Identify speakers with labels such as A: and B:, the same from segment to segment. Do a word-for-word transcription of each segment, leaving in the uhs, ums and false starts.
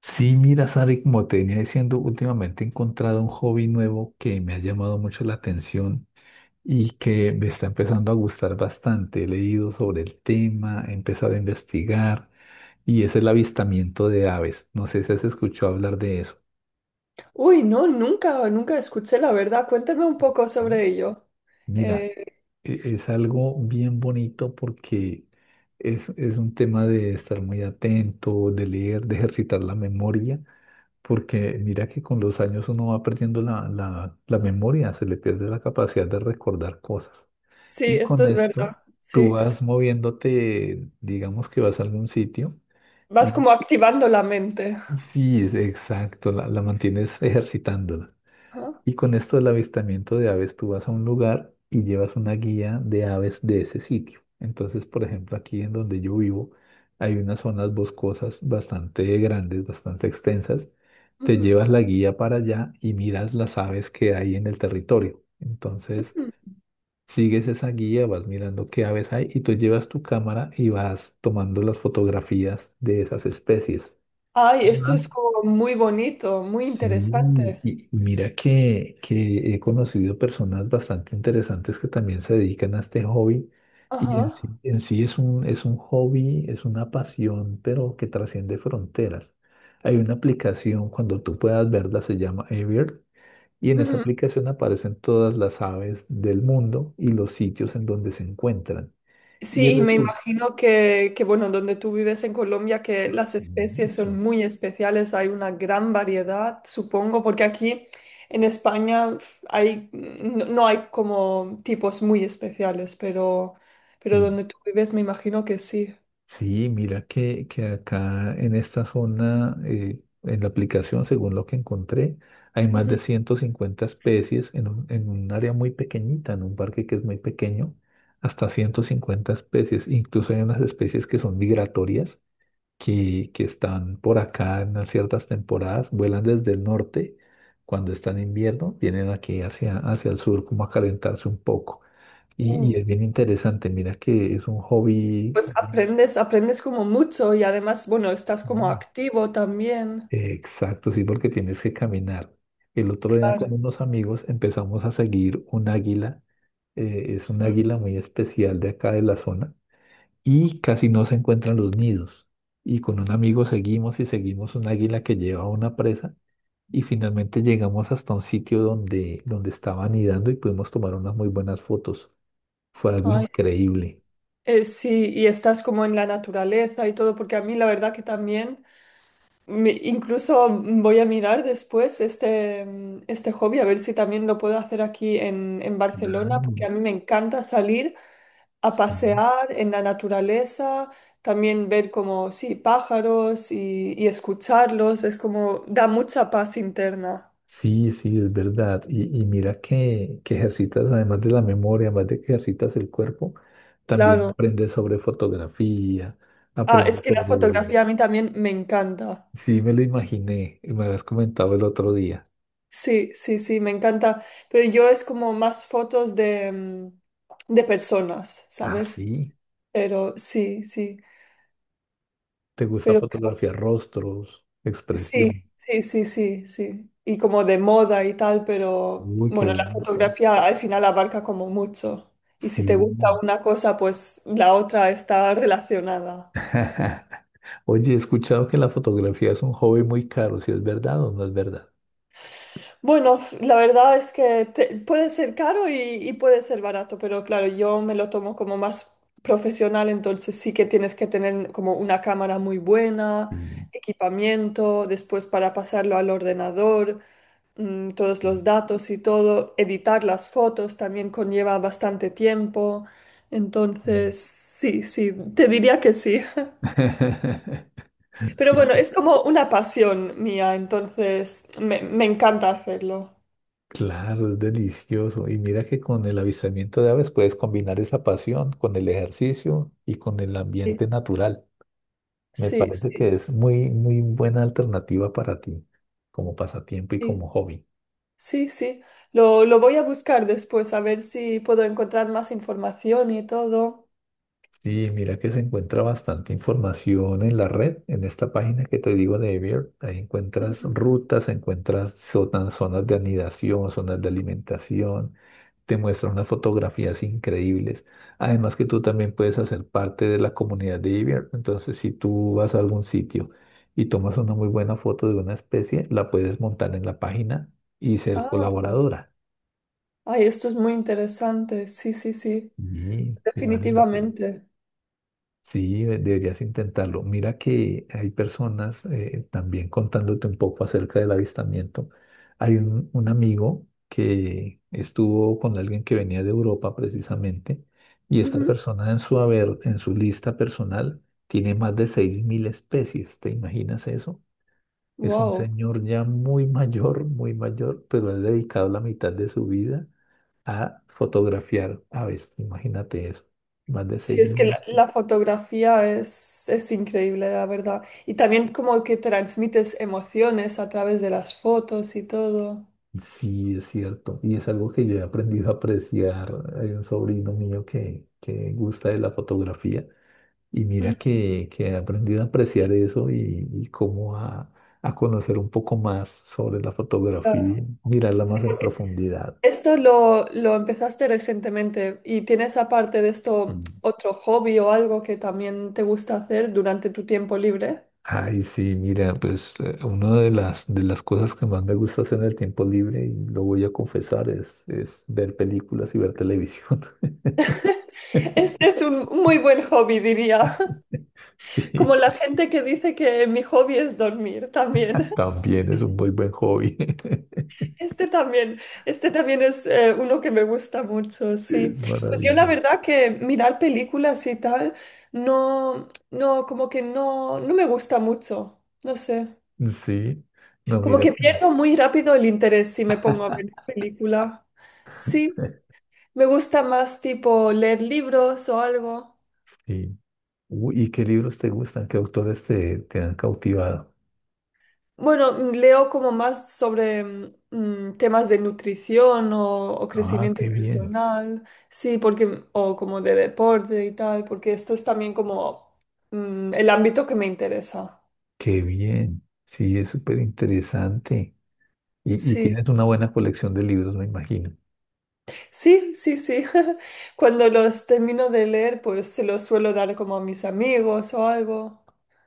A: Sí, mira, Sari, como te venía diciendo, últimamente he encontrado un hobby nuevo que me ha llamado mucho la atención y que me está empezando a gustar bastante. He leído sobre el tema, he empezado a investigar y es el avistamiento de aves. No sé si has escuchado hablar de eso.
B: Uy, no, nunca, nunca escuché la verdad. Cuéntame un poco sobre ello.
A: Mira,
B: Eh,
A: e- es algo bien bonito porque es, es un tema de estar muy atento, de leer, de ejercitar la memoria. Porque mira que con los años uno va perdiendo la, la, la memoria, se le pierde la capacidad de recordar cosas.
B: sí,
A: Y
B: esto
A: con
B: es verdad.
A: esto tú
B: Sí, sí.
A: vas moviéndote, digamos que vas a algún sitio
B: Vas
A: y
B: como activando la mente.
A: sí, es exacto, la, la mantienes ejercitándola.
B: Ajá.
A: Y con esto del avistamiento de aves, tú vas a un lugar y llevas una guía de aves de ese sitio. Entonces, por ejemplo, aquí en donde yo vivo, hay unas zonas boscosas bastante grandes, bastante extensas. Te
B: Ujú.
A: llevas la guía para allá y miras las aves que hay en el territorio. Entonces,
B: Ujú.
A: sigues esa guía, vas mirando qué aves hay y tú llevas tu cámara y vas tomando las fotografías de esas especies.
B: Ay, esto es como muy bonito, muy
A: Sí,
B: interesante.
A: y mira que, que he conocido personas bastante interesantes que también se dedican a este hobby y
B: Ajá.
A: en sí, en sí es un, es un hobby, es una pasión, pero que trasciende fronteras. Hay una aplicación, cuando tú puedas verla, se llama Earth y en esa
B: Ujú.
A: aplicación aparecen todas las aves del mundo y los sitios en donde se encuentran.
B: Sí,
A: Y
B: y me
A: resulta...
B: imagino que, que, bueno, donde tú vives en Colombia, que las especies son muy especiales, hay una gran variedad, supongo, porque aquí en España f- hay, no, no hay como tipos muy especiales, pero, pero donde tú vives me imagino que sí.
A: Sí, mira que, que acá en esta zona, eh, en la aplicación, según lo que encontré, hay más
B: Ujú.
A: de ciento cincuenta especies en un, en un área muy pequeñita, en un parque que es muy pequeño, hasta ciento cincuenta especies. Incluso hay unas especies que son migratorias, que, que están por acá en unas ciertas temporadas, vuelan desde el norte, cuando están en invierno, vienen aquí hacia, hacia el sur como a calentarse un poco. Y, y
B: Mm,
A: es bien interesante, mira que es un hobby.
B: pues aprendes, aprendes como mucho y además, bueno, estás como activo también,
A: Exacto, sí, porque tienes que caminar. El otro día con
B: claro.
A: unos amigos empezamos a seguir un águila. Eh, es un águila muy especial de acá de la zona y casi no se encuentran los nidos. Y con un amigo seguimos y seguimos un águila que lleva una presa y finalmente llegamos hasta un sitio donde, donde estaba anidando y pudimos tomar unas muy buenas fotos. Fue algo
B: Ay,
A: increíble.
B: eh, sí, y estás como en la naturaleza y todo, porque a mí la verdad que también... Me- incluso mm, voy a mirar después este, mm, este hobby, a ver si también lo puedo hacer aquí en, en Barcelona, porque
A: Claro,
B: a mí me encanta salir a
A: sí.
B: pasear en la naturaleza, también ver como, sí, pájaros y, y escucharlos, es como, da mucha paz interna,
A: Sí, sí, es verdad. Y, y mira que, que ejercitas, además de la memoria, además de que ejercitas el cuerpo, también
B: claro.
A: aprendes sobre fotografía,
B: Ah, es
A: aprendes
B: que la
A: sobre...
B: fotografía a mí también me encanta.
A: Sí, me lo imaginé, y me habías comentado el otro día.
B: Sí, sí, sí, me encanta, pero yo es como más fotos de, mm, de personas,
A: Ah,
B: ¿sabes?
A: sí,
B: Pero sí, sí.
A: te gusta
B: Pero co-
A: fotografiar rostros,
B: sí,
A: expresión.
B: sí, sí, sí, sí. Y como de moda y tal, pero
A: Uy, qué
B: bueno, la
A: bonito.
B: fotografía al final abarca como mucho. Y si te gusta
A: Sí.
B: una cosa, pues la otra está relacionada.
A: Oye, he escuchado que la fotografía es un hobby muy caro, si es verdad o no es verdad.
B: Bueno, f- la verdad es que te- puede ser caro y, y puede ser barato, pero claro, yo me lo tomo como más profesional, entonces sí que tienes que tener como una cámara muy buena,
A: Sí.
B: equipamiento, después para pasarlo al ordenador. Mm, todos los datos y todo, editar las fotos también conlleva bastante tiempo. Entonces, sí, sí, te diría que sí. Pero
A: Sí.
B: bueno,
A: Sí.
B: es como una pasión mía, entonces me, me encanta hacerlo.
A: Claro, es delicioso. Y mira que con el avistamiento de aves puedes combinar esa pasión con el ejercicio y con el
B: Sí,
A: ambiente natural. Me
B: sí,
A: parece
B: sí,
A: que es muy, muy buena alternativa para ti como pasatiempo y como
B: sí,
A: hobby.
B: sí, sí. Lo, lo voy a buscar después a ver si puedo encontrar más información y todo.
A: Sí, mira que se encuentra bastante información en la red, en esta página que te digo de Evier. Ahí encuentras
B: Ujú.
A: rutas, encuentras zonas, zonas de anidación, zonas de alimentación, te muestra unas fotografías increíbles. Además que tú también puedes hacer parte de la comunidad de Evier. Entonces, si tú vas a algún sitio y tomas una muy buena foto de una especie, la puedes montar en la página y ser
B: Ah,
A: colaboradora.
B: ay, esto es muy interesante. Sí, sí, sí,
A: Y sí, vale la pena.
B: definitivamente.
A: Sí, de- deberías intentarlo. Mira que hay personas, eh, también contándote un poco acerca del avistamiento, hay un, un amigo que estuvo con alguien que venía de Europa precisamente, y esta persona en su haber, en su lista personal, tiene más de seis mil especies. ¿Te imaginas eso? Es un
B: Wow.
A: señor ya muy mayor, muy mayor, pero ha dedicado la mitad de su vida a fotografiar aves. Imagínate eso, más de
B: Sí, es que
A: seis mil
B: la, la
A: especies.
B: fotografía es, es increíble, la verdad. Y también como que transmites emociones a través de las fotos y todo.
A: Sí, es cierto. Y es algo que yo he aprendido a apreciar. Hay un sobrino mío que, que gusta de la fotografía y mira
B: Ujú.
A: que, que he aprendido a apreciar eso y, y cómo a, a conocer un poco más sobre la
B: Claro,
A: fotografía, mirarla más en
B: porque
A: profundidad.
B: esto lo, lo empezaste recientemente y tienes aparte de esto
A: Mm.
B: otro hobby o algo que también te gusta hacer durante tu tiempo libre.
A: Ay, sí, mira, pues eh, una de las, de las cosas que más me gusta hacer en el tiempo libre, y lo voy a confesar, es, es ver películas y ver televisión.
B: Este es un muy buen hobby, diría. Como
A: Sí,
B: la gente que dice que mi hobby es dormir también.
A: también es un muy buen hobby.
B: Este también, este también es eh, uno que me gusta mucho,
A: Es
B: sí. Pues yo la
A: maravilloso.
B: verdad que mirar películas y tal, no, no, como que no, no me gusta mucho, no sé.
A: Sí, no,
B: Como
A: mira
B: que
A: que
B: pierdo muy rápido el interés si me pongo a ver película. Sí, me gusta más tipo leer libros o algo.
A: sí. Uy, ¿y qué libros te gustan? ¿Qué autores te, te han cautivado?
B: Bueno, mm, leo como más sobre mm, mm, temas de nutrición o, o
A: Ah,
B: crecimiento
A: qué bien,
B: personal, sí, porque, o como de deporte y tal, porque esto es también como mm, el ámbito que me interesa.
A: qué bien. Sí, es súper interesante. Y, y
B: Sí,
A: tienes una buena colección de libros, me imagino.
B: sí, sí, sí. Cuando los termino de leer, pues se los suelo dar como a mis amigos o algo.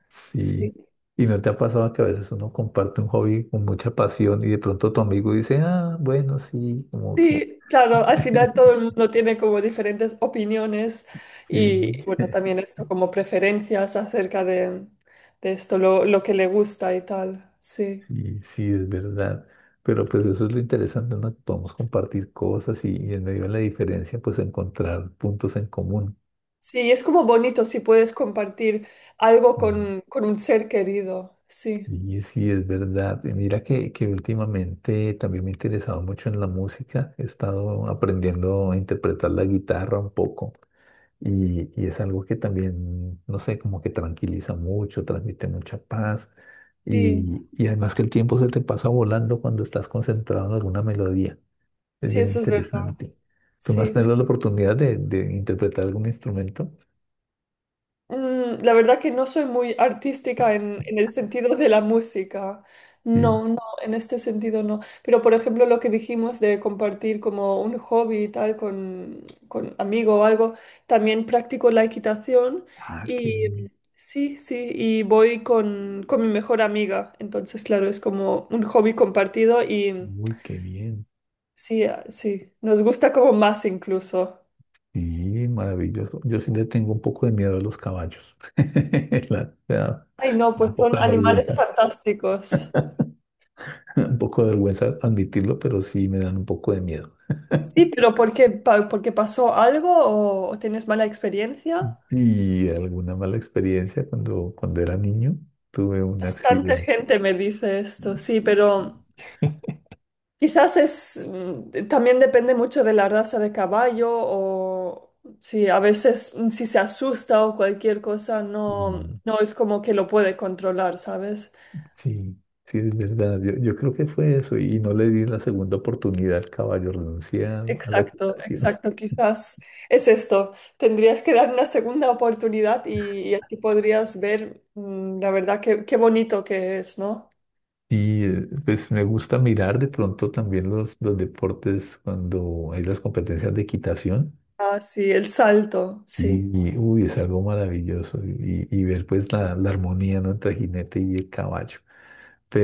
A: Sí.
B: Sí.
A: ¿Y no te ha pasado que a veces uno comparte un hobby con mucha pasión y de pronto tu amigo dice, ah, bueno, sí, como que?
B: Sí, claro, al final todo el mundo tiene como diferentes opiniones
A: Sí.
B: y bueno, también esto como preferencias acerca de, de esto, lo, lo que le gusta y tal. Sí.
A: Y sí, es verdad. Pero pues eso es lo interesante, ¿no? Que podemos compartir cosas y, y en medio de la diferencia, pues encontrar puntos en común.
B: Sí, es como bonito si puedes compartir algo
A: Mm.
B: con, con un ser querido. Sí,
A: Y sí, es verdad. Y mira que, que últimamente también me he interesado mucho en la música. He estado aprendiendo a interpretar la guitarra un poco. Y, y es algo que también, no sé, como que tranquiliza mucho, transmite mucha paz.
B: sí,
A: Y, y además que el tiempo se te pasa volando cuando estás concentrado en alguna melodía. Es
B: sí,
A: bien
B: eso es verdad.
A: interesante. ¿Tú no has
B: Sí, sí.
A: tenido la oportunidad de, de interpretar algún instrumento?
B: Mm, la verdad que no soy muy artística en, en el sentido de la música.
A: Sí.
B: No, no, en este sentido no. Pero, por ejemplo, lo que dijimos de compartir como un hobby y tal con, con amigo o algo, también practico la equitación
A: Ah, qué bien.
B: y sí, sí, y voy con, con mi mejor amiga. Entonces, claro, es como un hobby compartido y
A: Uy, qué bien.
B: sí, ah, sí, nos gusta como más incluso.
A: Sí, maravilloso. Yo sí le tengo un poco de miedo a los caballos. La- me da
B: Ay, no,
A: un
B: pues
A: poco
B: son
A: de
B: animales
A: vergüenza,
B: fantásticos.
A: un poco de vergüenza admitirlo, pero sí me dan un poco de miedo.
B: Sí, pero ¿por qué? Pa- ¿Porque pasó algo o, o tienes mala experiencia?
A: Y alguna mala experiencia cuando, cuando era niño, tuve un
B: Bastante
A: accidente.
B: gente me dice esto, sí, pero quizás es mm, también depende mucho de la raza de caballo o sí, a veces mm, si se asusta o cualquier cosa no no es como que lo puede controlar, ¿sabes?
A: Sí, sí, es verdad. Yo, yo creo que fue eso y no le di la segunda oportunidad al caballo, renuncié a, a la
B: Exacto,
A: equitación.
B: exacto, quizás es esto. Tendrías que dar una segunda oportunidad y, y así podrías ver mm, la verdad qué qué bonito que es, ¿no?
A: Y eh, pues me gusta mirar de pronto también los, los deportes cuando hay las competencias de equitación.
B: Ah, sí, el salto,
A: Sí,
B: sí,
A: uy, es algo maravilloso y, y ver pues la, la armonía, ¿no?, entre el jinete y el caballo.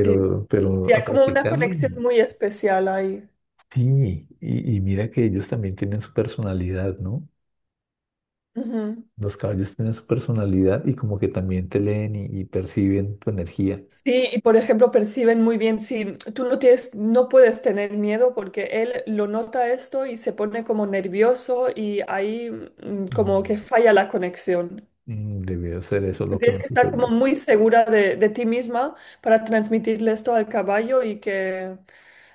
B: sí.
A: Sí.
B: Sí,
A: pero a
B: hay como una
A: practicarlo,
B: conexión muy especial ahí.
A: sí. Y, y mira que ellos también tienen su personalidad, ¿no?
B: Ujú.
A: Los caballos tienen su personalidad y como que también te leen y, y perciben tu energía.
B: Sí, y por ejemplo, perciben muy bien si tú no tienes, no puedes tener miedo porque él lo nota esto y se pone como nervioso y ahí mm, como que
A: Mm,
B: falla la conexión.
A: mm, Debió ser eso
B: Tú
A: lo que
B: tienes
A: me
B: que estar como
A: sucedió.
B: muy segura de, de ti misma para transmitirle esto al caballo y que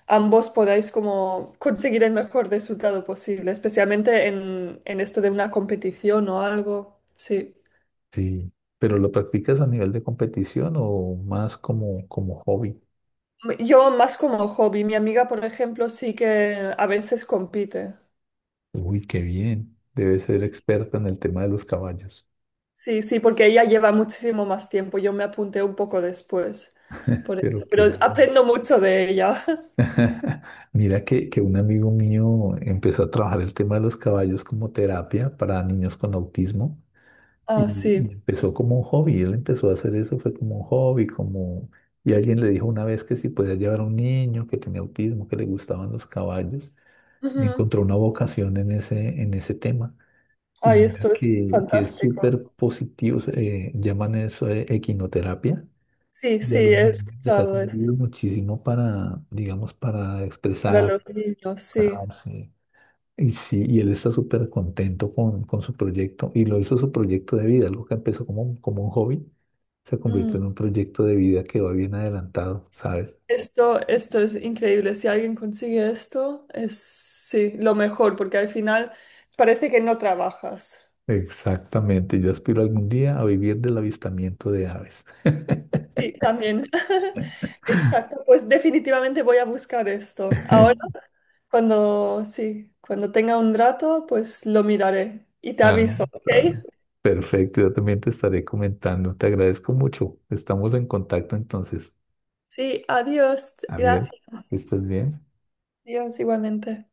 B: ambos podáis como conseguir el mejor resultado posible, especialmente en, en esto de una competición o algo. Sí.
A: Sí. ¿Pero lo practicas a nivel de competición o más como, como hobby?
B: Yo más como hobby, mi amiga, por ejemplo, sí que a veces compite.
A: Uy, qué bien. Debes ser experta en el tema de los caballos.
B: Sí, sí, porque ella lleva muchísimo más tiempo. Yo me apunté un poco después, por eso.
A: Pero
B: Pero
A: que...
B: aprendo mucho de ella.
A: Mira que, que un amigo mío empezó a trabajar el tema de los caballos como terapia para niños con autismo. Y,
B: Ah, sí.
A: y empezó como un hobby, él empezó a hacer eso, fue como un hobby, como... Y alguien le dijo una vez que si podía llevar a un niño que tenía autismo, que le gustaban los caballos, y
B: Ujú.
A: encontró una vocación en ese, en ese tema. Y
B: Ay,
A: mira
B: esto es
A: que, que es
B: fantástico.
A: súper positivo, eh, llaman eso eh, equinoterapia,
B: Sí,
A: y
B: sí,
A: a los
B: he
A: niños les ha
B: escuchado es
A: servido muchísimo para, digamos, para
B: para
A: expresar,
B: los niños, sí.
A: expresarse, y sí, y él está súper contento con, con su proyecto y lo hizo su proyecto de vida, algo que empezó como, un- como un hobby, se
B: Mm.
A: convirtió en un proyecto de vida que va bien adelantado, ¿sabes?
B: Esto, esto es increíble. Si alguien consigue esto, es sí, lo mejor, porque al final parece que no trabajas.
A: Exactamente, yo aspiro algún día a vivir del avistamiento de aves.
B: Sí, también. Exacto. Pues definitivamente voy a buscar esto. Ahora, cuando sí, cuando tenga un rato, pues lo miraré y te
A: Ah,
B: aviso, ¿ok?
A: ah, Perfecto, yo también te estaré comentando. Te agradezco mucho. Estamos en contacto entonces.
B: Sí, adiós.
A: Adiós,
B: Gracias.
A: que estés bien.
B: Adiós igualmente.